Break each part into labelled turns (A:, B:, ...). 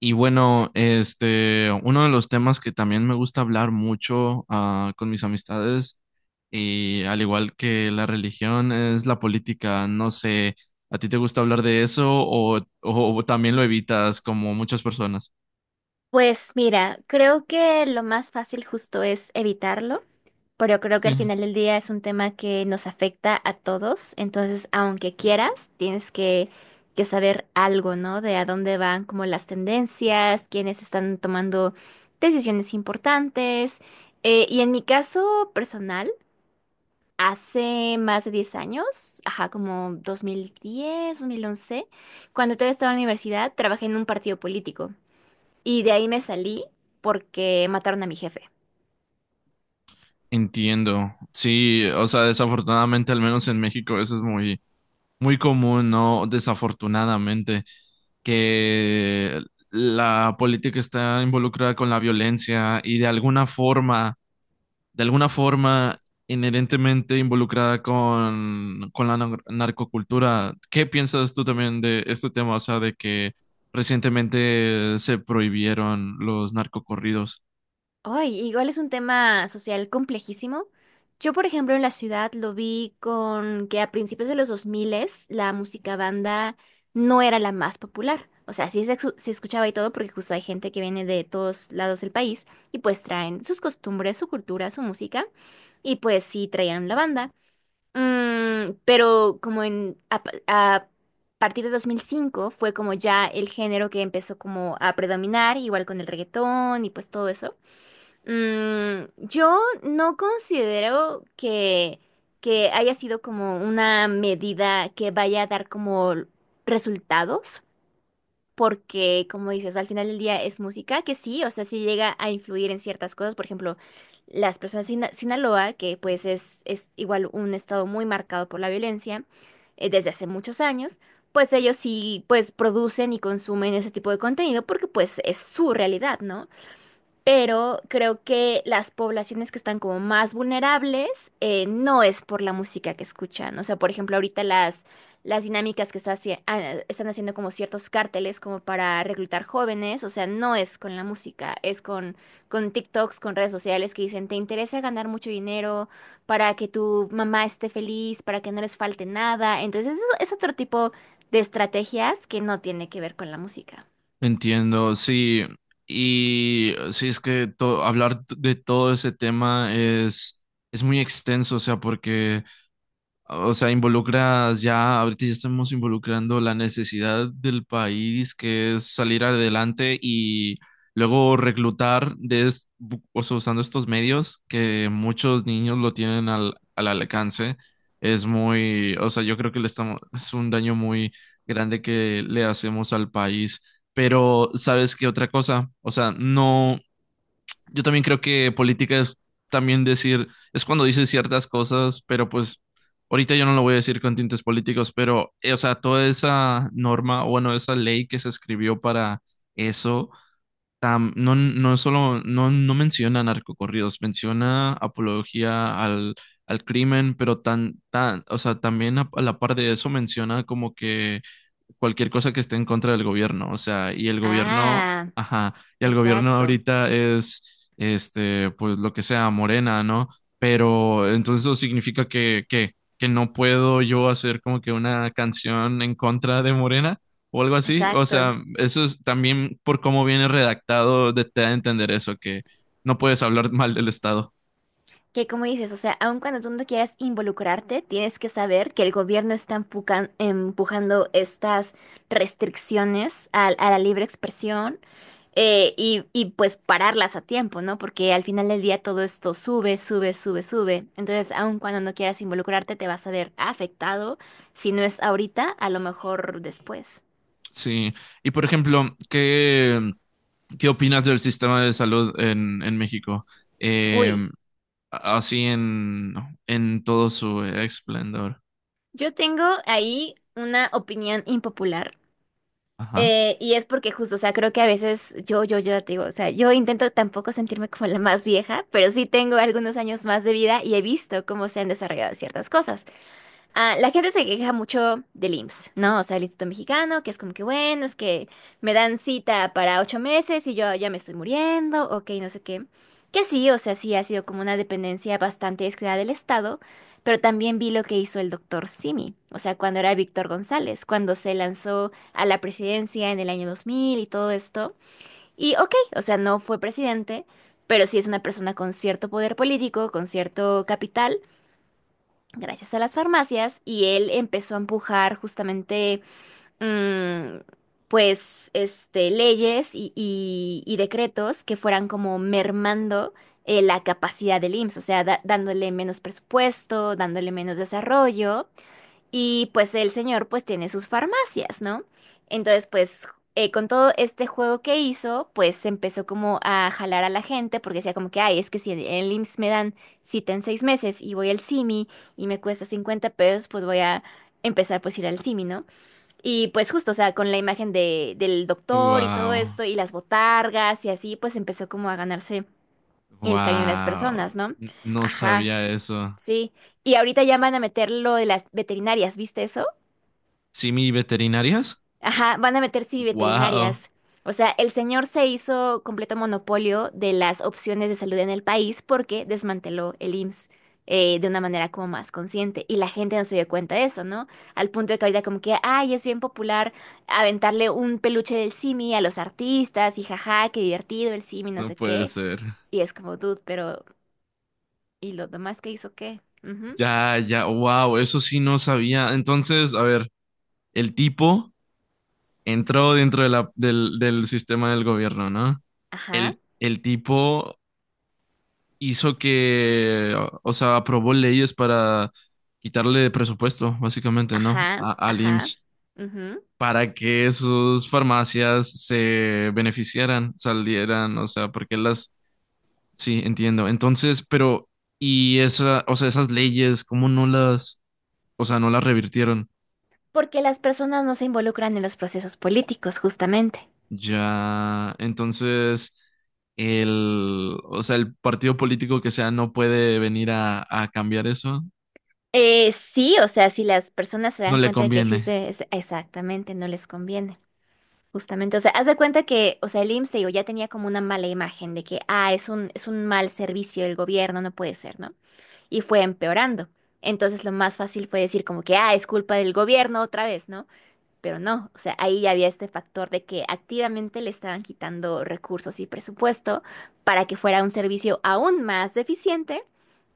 A: Y bueno, uno de los temas que también me gusta hablar mucho con mis amistades, y al igual que la religión, es la política. No sé, ¿a ti te gusta hablar de eso o también lo evitas como muchas personas?
B: Pues mira, creo que lo más fácil justo es evitarlo, pero creo que al
A: Sí.
B: final del día es un tema que nos afecta a todos, entonces aunque quieras, tienes que, saber algo, ¿no? De a dónde van como las tendencias, quiénes están tomando decisiones importantes. Y en mi caso personal, hace más de 10 años, ajá, como 2010, 2011, cuando todavía estaba en la universidad, trabajé en un partido político. Y de ahí me salí porque mataron a mi jefe.
A: Entiendo. Sí, o sea, desafortunadamente, al menos en México, eso es muy, muy común, ¿no? Desafortunadamente, que la política está involucrada con la violencia y de alguna forma inherentemente involucrada con la narcocultura. ¿Qué piensas tú también de este tema? O sea, de que recientemente se prohibieron los narcocorridos.
B: Ay, igual es un tema social complejísimo. Yo, por ejemplo, en la ciudad lo vi con que a principios de los 2000 la música banda no era la más popular. O sea, se escuchaba y todo porque justo hay gente que viene de todos lados del país y pues traen sus costumbres, su cultura, su música y pues sí traían la banda. Pero como a partir de 2005 fue como ya el género que empezó como a predominar, igual con el reggaetón y pues todo eso. Yo no considero que, haya sido como una medida que vaya a dar como resultados, porque, como dices, al final del día es música que sí, o sea, sí llega a influir en ciertas cosas. Por ejemplo, las personas de Sinaloa, que pues es igual un estado muy marcado por la violencia desde hace muchos años, pues ellos sí pues producen y consumen ese tipo de contenido porque pues es su realidad, ¿no? Pero creo que las poblaciones que están como más vulnerables no es por la música que escuchan. O sea, por ejemplo, ahorita las dinámicas que están haciendo como ciertos cárteles como para reclutar jóvenes, o sea, no es con la música, es con TikToks, con redes sociales que dicen, ¿te interesa ganar mucho dinero para que tu mamá esté feliz, para que no les falte nada? Entonces, eso es otro tipo de estrategias que no tiene que ver con la música.
A: Entiendo, sí. Y sí, es que hablar de todo ese tema es muy extenso, o sea, porque o sea, involucras ya, ahorita ya estamos involucrando la necesidad del país que es salir adelante y luego reclutar o sea, usando estos medios que muchos niños lo tienen al alcance. Es muy, o sea, yo creo que le estamos, es un daño muy grande que le hacemos al país. Pero, ¿sabes qué otra cosa? O sea, no, yo también creo que política es también decir, es cuando dices ciertas cosas, pero pues ahorita yo no lo voy a decir con tintes políticos, pero, o sea, toda esa norma, o bueno, esa ley que se escribió para eso, no, no solo, no, no menciona narcocorridos, menciona apología al crimen, pero o sea, también a la par de eso menciona como que cualquier cosa que esté en contra del gobierno, o sea, y el gobierno,
B: Ah,
A: ajá, y el gobierno
B: exacto,
A: ahorita es, este, pues lo que sea, Morena, ¿no? Pero entonces eso significa que no puedo yo hacer como que una canción en contra de Morena o algo así, o
B: exacto.
A: sea, eso es también por cómo viene redactado, de, te da a entender eso, que no puedes hablar mal del Estado.
B: Que como dices, o sea, aun cuando tú no quieras involucrarte, tienes que saber que el gobierno está empujando estas restricciones a la libre expresión y y pues pararlas a tiempo, ¿no? Porque al final del día todo esto sube, sube, sube, sube. Entonces, aun cuando no quieras involucrarte, te vas a ver afectado. Si no es ahorita, a lo mejor después.
A: Sí, y por ejemplo, ¿qué, qué opinas del sistema de salud en México? Eh,
B: Uy,
A: Así en, ¿no?, en todo su esplendor.
B: yo tengo ahí una opinión impopular.
A: Ajá.
B: Y es porque justo, o sea, creo que a veces yo te digo, o sea, yo intento tampoco sentirme como la más vieja, pero sí tengo algunos años más de vida y he visto cómo se han desarrollado ciertas cosas. Ah, la gente se queja mucho del IMSS, ¿no? O sea, el Instituto Mexicano, que es como que bueno, es que me dan cita para 8 meses y yo ya me estoy muriendo, ok, no sé qué. Que sí, o sea, sí ha sido como una dependencia bastante descuidada del Estado, pero también vi lo que hizo el doctor Simi, o sea, cuando era Víctor González, cuando se lanzó a la presidencia en el año 2000 y todo esto. Y ok, o sea, no fue presidente, pero sí es una persona con cierto poder político, con cierto capital gracias a las farmacias y él empezó a empujar justamente, mm, pues, este, leyes y decretos que fueran como mermando la capacidad del IMSS, o sea, dándole menos presupuesto, dándole menos desarrollo. Y pues el señor pues tiene sus farmacias, ¿no? Entonces con todo este juego que hizo, pues empezó como a jalar a la gente porque decía como que, ay, es que si en el IMSS me dan cita en 6 meses y voy al CIMI y me cuesta 50 pesos, pues voy a empezar pues a ir al CIMI, ¿no? Y pues justo, o sea, con la imagen de, del doctor y todo
A: Wow.
B: esto y las botargas y así, pues empezó como a ganarse el cariño de las
A: Wow.
B: personas, ¿no?
A: No
B: Ajá,
A: sabía eso.
B: sí. Y ahorita ya van a meter lo de las veterinarias, ¿viste eso?
A: ¿Simi veterinarias?
B: Ajá, van a meter sí
A: Wow.
B: veterinarias. O sea, el señor se hizo completo monopolio de las opciones de salud en el país porque desmanteló el IMSS de una manera como más consciente y la gente no se dio cuenta de eso, ¿no? Al punto de que ahorita como que, ay, es bien popular aventarle un peluche del Simi a los artistas y jaja, qué divertido el Simi, no
A: No
B: sé
A: puede
B: qué.
A: ser.
B: Y es como, dude, pero ¿y lo demás que hizo qué? Ujú,
A: Ya, ya. Wow. Eso sí no sabía. Entonces, a ver, el tipo entró dentro de del sistema del gobierno, ¿no?
B: ajá,
A: El tipo hizo que, o sea, aprobó leyes para quitarle presupuesto, básicamente, ¿no?
B: ajá,
A: A, al
B: ajá,
A: IMSS,
B: ujú.
A: para que sus farmacias se beneficiaran, salieran, o sea, porque las, sí, entiendo. Entonces, pero, y esa, o sea, esas leyes, ¿cómo no las, o sea, no las revirtieron?
B: Porque las personas no se involucran en los procesos políticos, justamente.
A: Ya, entonces, el, o sea, el partido político que sea no puede venir a cambiar eso,
B: Sí, o sea, si las personas se
A: no
B: dan
A: le
B: cuenta de que
A: conviene.
B: existe, exactamente, no les conviene. Justamente, o sea, haz de cuenta que, o sea, el IMSS, te digo, ya tenía como una mala imagen de que, ah, es un mal servicio del gobierno, no puede ser, ¿no? Y fue empeorando. Entonces, lo más fácil fue decir como que, ah, es culpa del gobierno otra vez, ¿no? Pero no, o sea, ahí ya había este factor de que activamente le estaban quitando recursos y presupuesto para que fuera un servicio aún más deficiente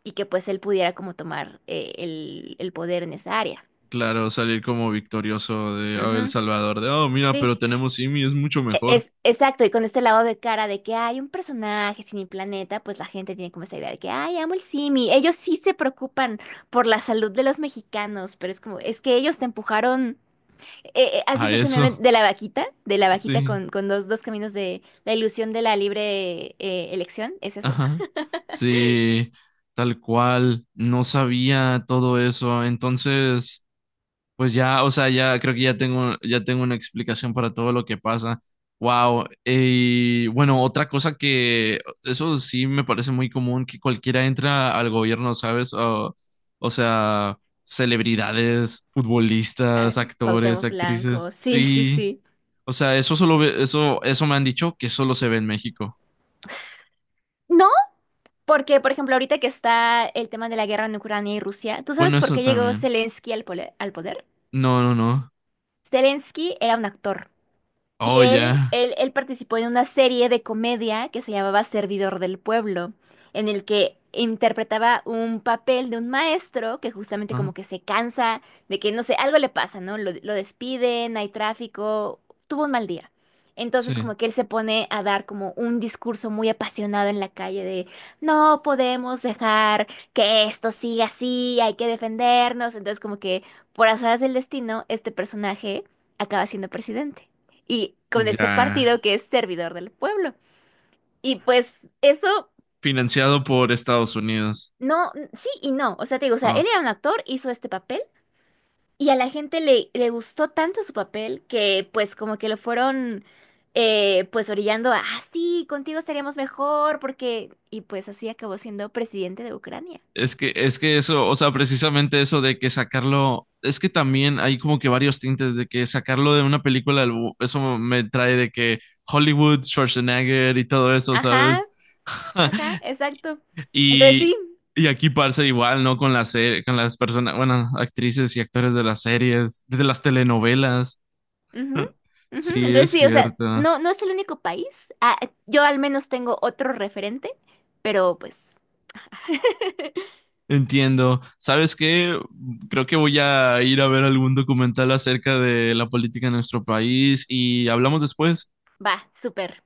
B: y que pues él pudiera como tomar el poder en esa área.
A: Claro, salir como victorioso de oh, El
B: Ujú,
A: Salvador, de, oh, mira,
B: sí,
A: pero tenemos IMI, es mucho
B: E-
A: mejor
B: es exacto. Y con este lado de cara de que hay un personaje sin el planeta, pues la gente tiene como esa idea de que, ay, amo el Simi. Ellos sí se preocupan por la salud de los mexicanos, pero es como, es que ellos te empujaron. ¿Has
A: a
B: visto ese
A: eso.
B: meme de la vaquita? De la vaquita
A: Sí.
B: con dos caminos de la ilusión de la libre elección. Es eso.
A: Ajá. Sí, tal cual. No sabía todo eso. Entonces, pues ya, o sea, ya creo que ya tengo una explicación para todo lo que pasa. Wow. Y bueno, otra cosa que eso sí me parece muy común, que cualquiera entra al gobierno, ¿sabes? O sea, celebridades,
B: Ah,
A: futbolistas, actores,
B: Cuauhtémoc Blanco.
A: actrices.
B: Sí, sí,
A: Sí.
B: sí.
A: O sea, eso solo eso, eso me han dicho que solo se ve en México.
B: No, porque, por ejemplo, ahorita que está el tema de la guerra en Ucrania y Rusia, ¿tú sabes
A: Bueno,
B: por
A: eso
B: qué llegó
A: también.
B: Zelensky al poder?
A: No, no, no.
B: Zelensky era un actor. Y
A: Oh, ya.
B: él participó en una serie de comedia que se llamaba Servidor del Pueblo, en el que interpretaba un papel de un maestro que justamente
A: Ah,
B: como que se cansa de que, no sé, algo le pasa, ¿no? Lo despiden, hay tráfico, tuvo un mal día. Entonces
A: sí.
B: como que él se pone a dar como un discurso muy apasionado en la calle de no podemos dejar que esto siga así, hay que defendernos. Entonces como que por azares del destino, este personaje acaba siendo presidente y con este
A: Ya.
B: partido que es servidor del pueblo. Y pues eso,
A: Financiado por Estados Unidos.
B: no, sí y no. O sea, te digo, o sea, él
A: Ah,
B: era un actor, hizo este papel y a la gente le gustó tanto su papel que pues como que lo fueron pues orillando a, ah, sí, contigo estaríamos mejor porque... Y pues así acabó siendo presidente de Ucrania.
A: es que eso, o sea, precisamente eso de que sacarlo, es que también hay como que varios tintes de que sacarlo de una película, eso me trae de que Hollywood, Schwarzenegger y todo eso,
B: Ajá,
A: ¿sabes?
B: ajá, exacto. Entonces
A: Y,
B: sí.
A: y aquí pasa igual, ¿no? Con las, con las personas, bueno, actrices y actores de las series, de las telenovelas.
B: Ujú, ujú.
A: Sí, es
B: Entonces sí, o sea,
A: cierto.
B: no, no es el único país. Ah, yo al menos tengo otro referente, pero pues...
A: Entiendo. ¿Sabes qué? Creo que voy a ir a ver algún documental acerca de la política en nuestro país y hablamos después.
B: Va, súper.